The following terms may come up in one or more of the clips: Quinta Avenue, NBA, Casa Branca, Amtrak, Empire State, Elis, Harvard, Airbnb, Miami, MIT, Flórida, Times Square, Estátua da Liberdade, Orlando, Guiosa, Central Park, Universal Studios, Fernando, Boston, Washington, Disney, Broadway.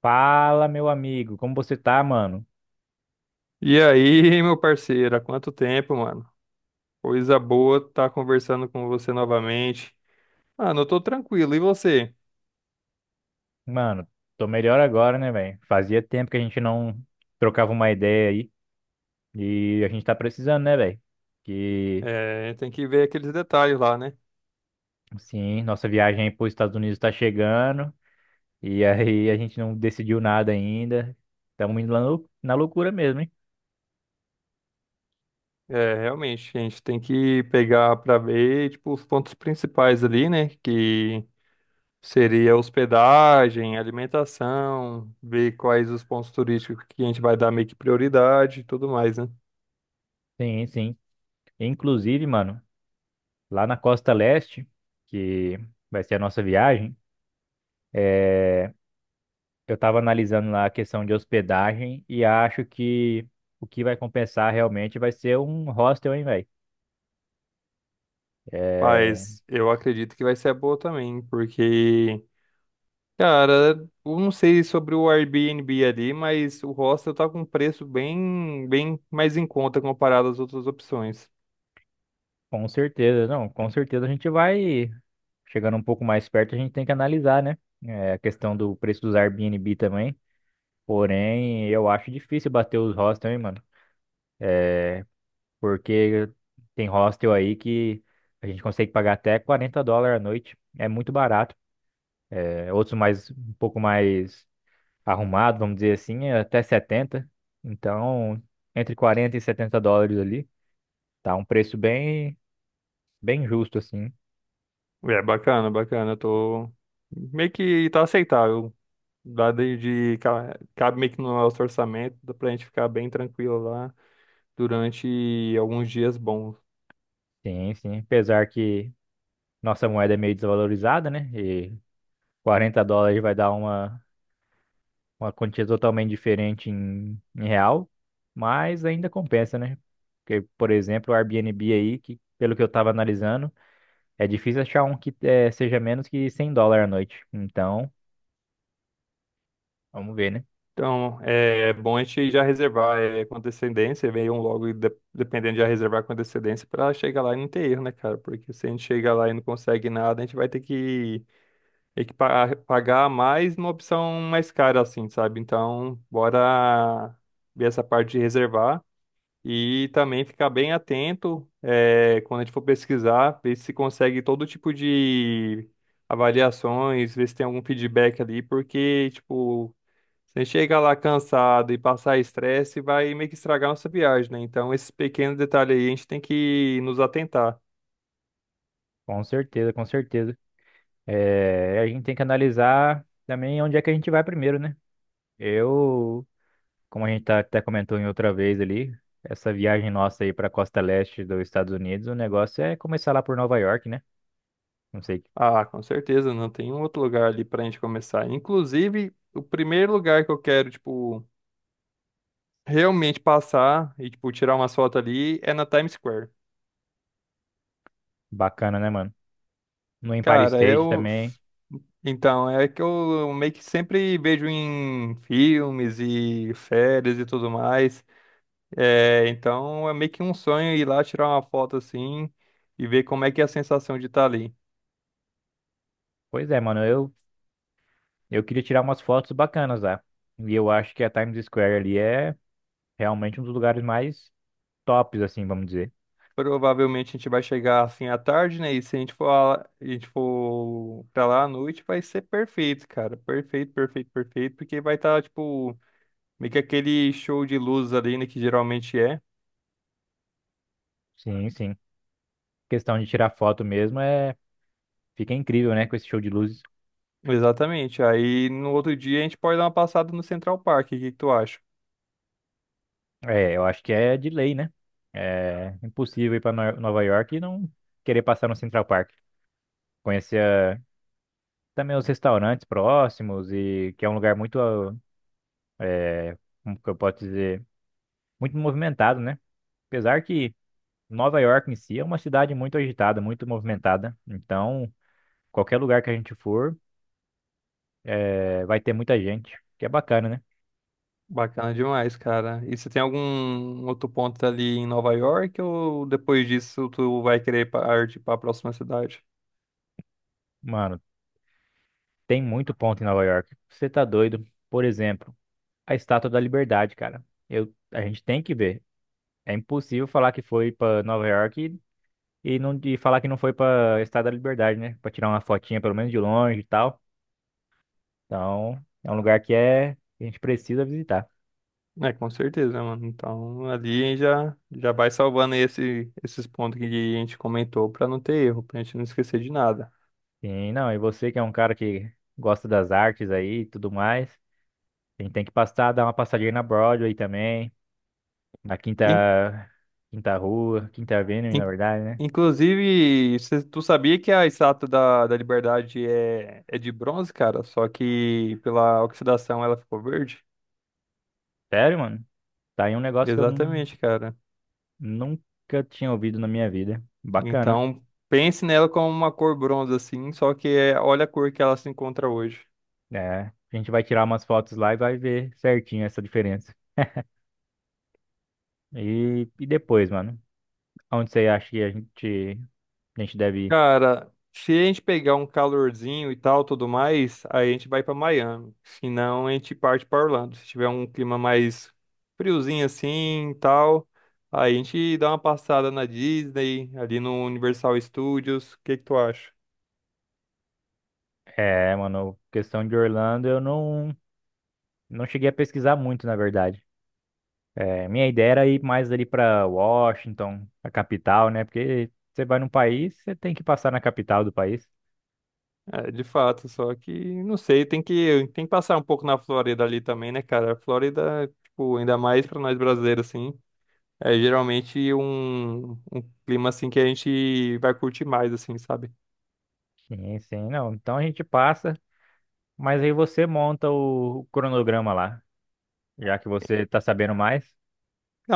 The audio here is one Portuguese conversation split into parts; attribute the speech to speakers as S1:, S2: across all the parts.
S1: Fala, meu amigo, como você tá, mano?
S2: E aí, meu parceiro, há quanto tempo, mano? Coisa boa tá conversando com você novamente. Mano, eu tô tranquilo, e você?
S1: Mano, tô melhor agora, né, velho? Fazia tempo que a gente não trocava uma ideia aí e a gente tá precisando, né, velho? Que,
S2: É, tem que ver aqueles detalhes lá, né?
S1: sim, nossa viagem para os Estados Unidos tá chegando e aí a gente não decidiu nada ainda. Estamos indo lá na loucura mesmo, hein?
S2: É, realmente, a gente tem que pegar pra ver, tipo, os pontos principais ali, né? Que seria hospedagem, alimentação, ver quais os pontos turísticos que a gente vai dar meio que prioridade e tudo mais, né?
S1: Sim, sim. Inclusive, mano, lá na Costa Leste, que vai ser a nossa viagem, é, eu estava analisando lá a questão de hospedagem e acho que o que vai compensar realmente vai ser um hostel, hein, velho? É,
S2: Mas eu acredito que vai ser boa também, porque. Cara, eu não sei sobre o Airbnb ali, mas o hostel tá com um preço bem mais em conta comparado às outras opções.
S1: com certeza, não, com certeza a gente vai chegando um pouco mais perto, a gente tem que analisar, né? É, a questão do preço dos Airbnb também. Porém, eu acho difícil bater os hostels, hein, mano? Porque tem hostel aí que a gente consegue pagar até US$ 40 a noite. É muito barato. É, outros mais um pouco mais arrumado, vamos dizer assim, é até 70. Então, entre 40 e US$ 70 ali, tá um preço bem, bem justo assim.
S2: É bacana, bacana. Eu tô meio que tá aceitável. Dá de cabe meio que no nosso orçamento, dá pra gente ficar bem tranquilo lá durante alguns dias bons.
S1: Sim, sim. Apesar que nossa moeda é meio desvalorizada, né? E US$ 40 vai dar uma quantia totalmente diferente em real, mas ainda compensa, né? Porque, por exemplo, o Airbnb aí, que pelo que eu tava analisando, é difícil achar um que seja menos que US$ 100 a noite. Então, vamos ver, né?
S2: Então, é bom a gente já reservar é, com antecedência, venham logo, e dependendo, já reservar com antecedência para chegar lá e não ter erro, né, cara? Porque se a gente chegar lá e não consegue nada, a gente vai ter que pagar mais numa opção mais cara, assim, sabe? Então, bora ver essa parte de reservar e também ficar bem atento é, quando a gente for pesquisar, ver se consegue todo tipo de avaliações, ver se tem algum feedback ali, porque, tipo. Você chega lá cansado e passar estresse, vai meio que estragar nossa viagem, né? Então, esses pequenos detalhes aí a gente tem que nos atentar.
S1: Com certeza, com certeza. É, a gente tem que analisar também onde é que a gente vai primeiro, né? Eu, Como a gente tá, até comentou em outra vez ali, essa viagem nossa aí para costa leste dos Estados Unidos, o negócio é começar lá por Nova York, né? Não sei,
S2: Ah, com certeza, não tem um outro lugar ali pra gente começar. Inclusive, o primeiro lugar que eu quero, tipo, realmente passar e, tipo, tirar umas fotos ali é na Times Square.
S1: bacana, né, mano? No Empire
S2: Cara,
S1: State
S2: eu.
S1: também.
S2: Então, é que eu meio que sempre vejo em filmes e férias e tudo mais. É, então é meio que um sonho ir lá tirar uma foto assim e ver como é que é a sensação de estar ali.
S1: Pois é, mano, eu queria tirar umas fotos bacanas lá. E eu acho que a Times Square ali é realmente um dos lugares mais tops, assim, vamos dizer.
S2: Provavelmente a gente vai chegar assim à tarde, né? E se a gente for pra lá à noite, vai ser perfeito, cara. Perfeito, perfeito, perfeito, porque vai estar, tipo, meio que aquele show de luzes ali, né? Que geralmente é.
S1: Sim, sim. Questão de tirar foto mesmo fica incrível, né, com esse show de luzes.
S2: Exatamente. Aí no outro dia a gente pode dar uma passada no Central Park. O que que tu acha?
S1: É, eu acho que é de lei, né? É impossível ir para Nova York e não querer passar no Central Park. Conhecer também os restaurantes próximos e que é um lugar muito, eh, como que eu posso dizer, muito movimentado, né? Apesar que Nova York em si é uma cidade muito agitada, muito movimentada. Então, qualquer lugar que a gente for, vai ter muita gente, que é bacana, né?
S2: Bacana demais, cara. E você tem algum outro ponto ali em Nova York ou depois disso tu vai querer partir para a próxima cidade?
S1: Mano, tem muito ponto em Nova York. Você tá doido? Por exemplo, a Estátua da Liberdade, cara. A gente tem que ver. É impossível falar que foi pra Nova York e não falar que não foi pra Estado da Liberdade, né? Pra tirar uma fotinha pelo menos de longe e tal. Então, é um lugar que a gente precisa visitar.
S2: É, com certeza, mano. Então ali já já vai salvando esses pontos que a gente comentou para não ter erro, pra gente não esquecer de nada.
S1: E não, e você que é um cara que gosta das artes aí e tudo mais, a gente tem que passar, dar uma passadinha na Broadway também, na
S2: In-
S1: Quinta Rua, Quinta Avenue, na
S2: in-
S1: verdade, né?
S2: inclusive, tu sabia que a estátua da Liberdade é de bronze, cara? Só que pela oxidação ela ficou verde?
S1: Sério, mano? Tá aí um negócio que eu
S2: Exatamente, cara.
S1: nunca tinha ouvido na minha vida. Bacana.
S2: Então, pense nela como uma cor bronze, assim, só que é, olha a cor que ela se encontra hoje.
S1: É, a gente vai tirar umas fotos lá e vai ver certinho essa diferença. E depois, mano, onde você acha que a gente deve ir?
S2: Cara, se a gente pegar um calorzinho e tal, tudo mais, aí a gente vai pra Miami. Se não, a gente parte pra Orlando. Se tiver um clima mais friozinho assim e tal, aí a gente dá uma passada na Disney, ali no Universal Studios. O que que tu acha?
S1: É, mano, questão de Orlando, eu não cheguei a pesquisar muito, na verdade. É, minha ideia era ir mais ali pra Washington, a capital, né? Porque você vai num país, você tem que passar na capital do país.
S2: É, de fato, só que não sei, tem que passar um pouco na Flórida ali também, né, cara? A Flórida, tipo, ainda mais pra nós brasileiros assim. É geralmente um clima assim que a gente vai curtir mais, assim, sabe?
S1: Sim, sim, não. Então a gente passa, mas aí você monta o cronograma lá, já que você tá sabendo mais.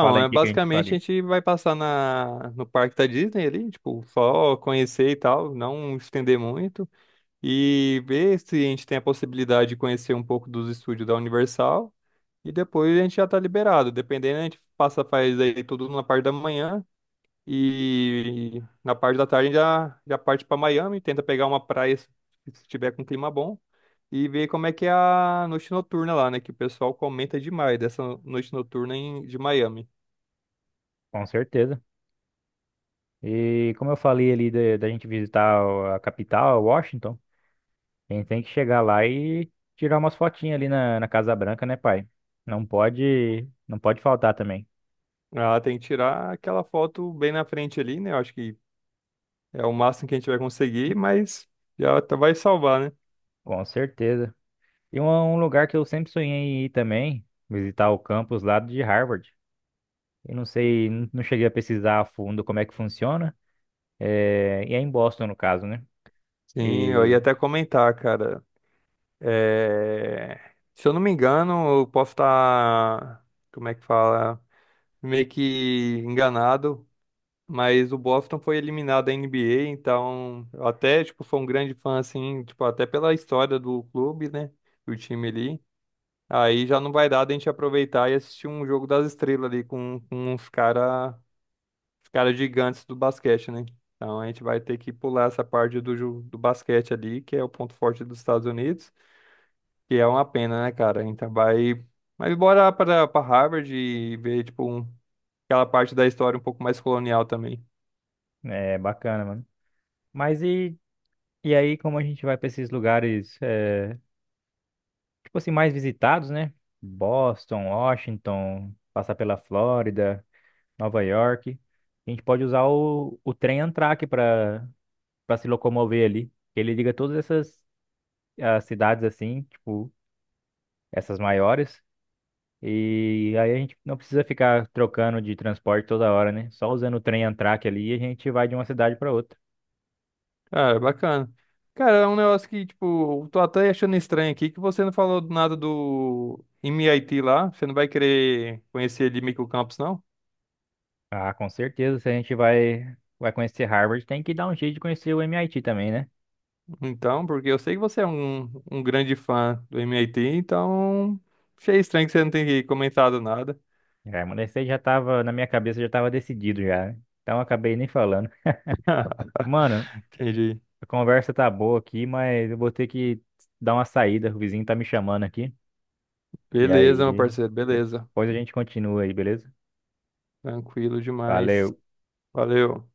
S1: Fala aí o
S2: é
S1: que que a gente
S2: basicamente a
S1: faria.
S2: gente vai passar no parque da Disney ali, tipo, só conhecer e tal, não estender muito, e ver se a gente tem a possibilidade de conhecer um pouco dos estúdios da Universal, e depois a gente já tá liberado. Dependendo, a gente passa, faz aí tudo na parte da manhã, e na parte da tarde já parte para Miami, tenta pegar uma praia se tiver com clima bom e ver como é que é a noite noturna lá, né? Que o pessoal comenta demais dessa noite noturna em, de Miami.
S1: Com certeza. E como eu falei ali da gente visitar a capital, Washington, a gente tem que chegar lá e tirar umas fotinhas ali na Casa Branca, né, pai? Não pode, não pode faltar também.
S2: Ah, tem que tirar aquela foto bem na frente ali, né? Eu acho que é o máximo que a gente vai conseguir, mas vai salvar, né?
S1: Com certeza. E um lugar que eu sempre sonhei em ir também, visitar o campus lá de Harvard. Eu não sei, não cheguei a pesquisar a fundo como é que funciona. É, e é em Boston, no caso, né?
S2: Sim, eu ia
S1: E
S2: até comentar, cara. É, se eu não me engano, eu posso estar. Como é que fala? Meio que enganado. Mas o Boston foi eliminado da NBA, então eu até, tipo, foi um grande fã, assim, tipo, até pela história do clube, né? Do time ali. Aí já não vai dar da gente aproveitar e assistir um jogo das estrelas ali com uns cara, os cara gigantes do basquete, né? Então a gente vai ter que pular essa parte do, do basquete ali, que é o ponto forte dos Estados Unidos, que é uma pena, né, cara? Então vai. Mas bora para Harvard e ver, tipo, aquela parte da história um pouco mais colonial também.
S1: é bacana, mano. Mas e aí, como a gente vai para esses lugares? Tipo assim, mais visitados, né? Boston, Washington, passar pela Flórida, Nova York. A gente pode usar o trem Amtrak para se locomover ali. Ele liga todas essas cidades assim, tipo, essas maiores. E aí a gente não precisa ficar trocando de transporte toda hora, né? Só usando o trem Amtrak ali, a gente vai de uma cidade para outra.
S2: Cara, bacana. Cara, é um negócio que, tipo, eu tô até achando estranho aqui que você não falou nada do MIT lá. Você não vai querer conhecer ele microcampus, não?
S1: Ah, com certeza, se a gente vai conhecer Harvard, tem que dar um jeito de conhecer o MIT também, né?
S2: Então, porque eu sei que você é um grande fã do MIT, então achei estranho que você não tenha comentado nada.
S1: Remanescente já tava, na minha cabeça já tava decidido já, né? Então eu acabei nem falando. Mano,
S2: Entendi.
S1: a conversa tá boa aqui, mas eu vou ter que dar uma saída, o vizinho tá me chamando aqui. E aí,
S2: Beleza, meu parceiro, beleza.
S1: depois a gente continua aí, beleza?
S2: Tranquilo demais.
S1: Valeu.
S2: Valeu.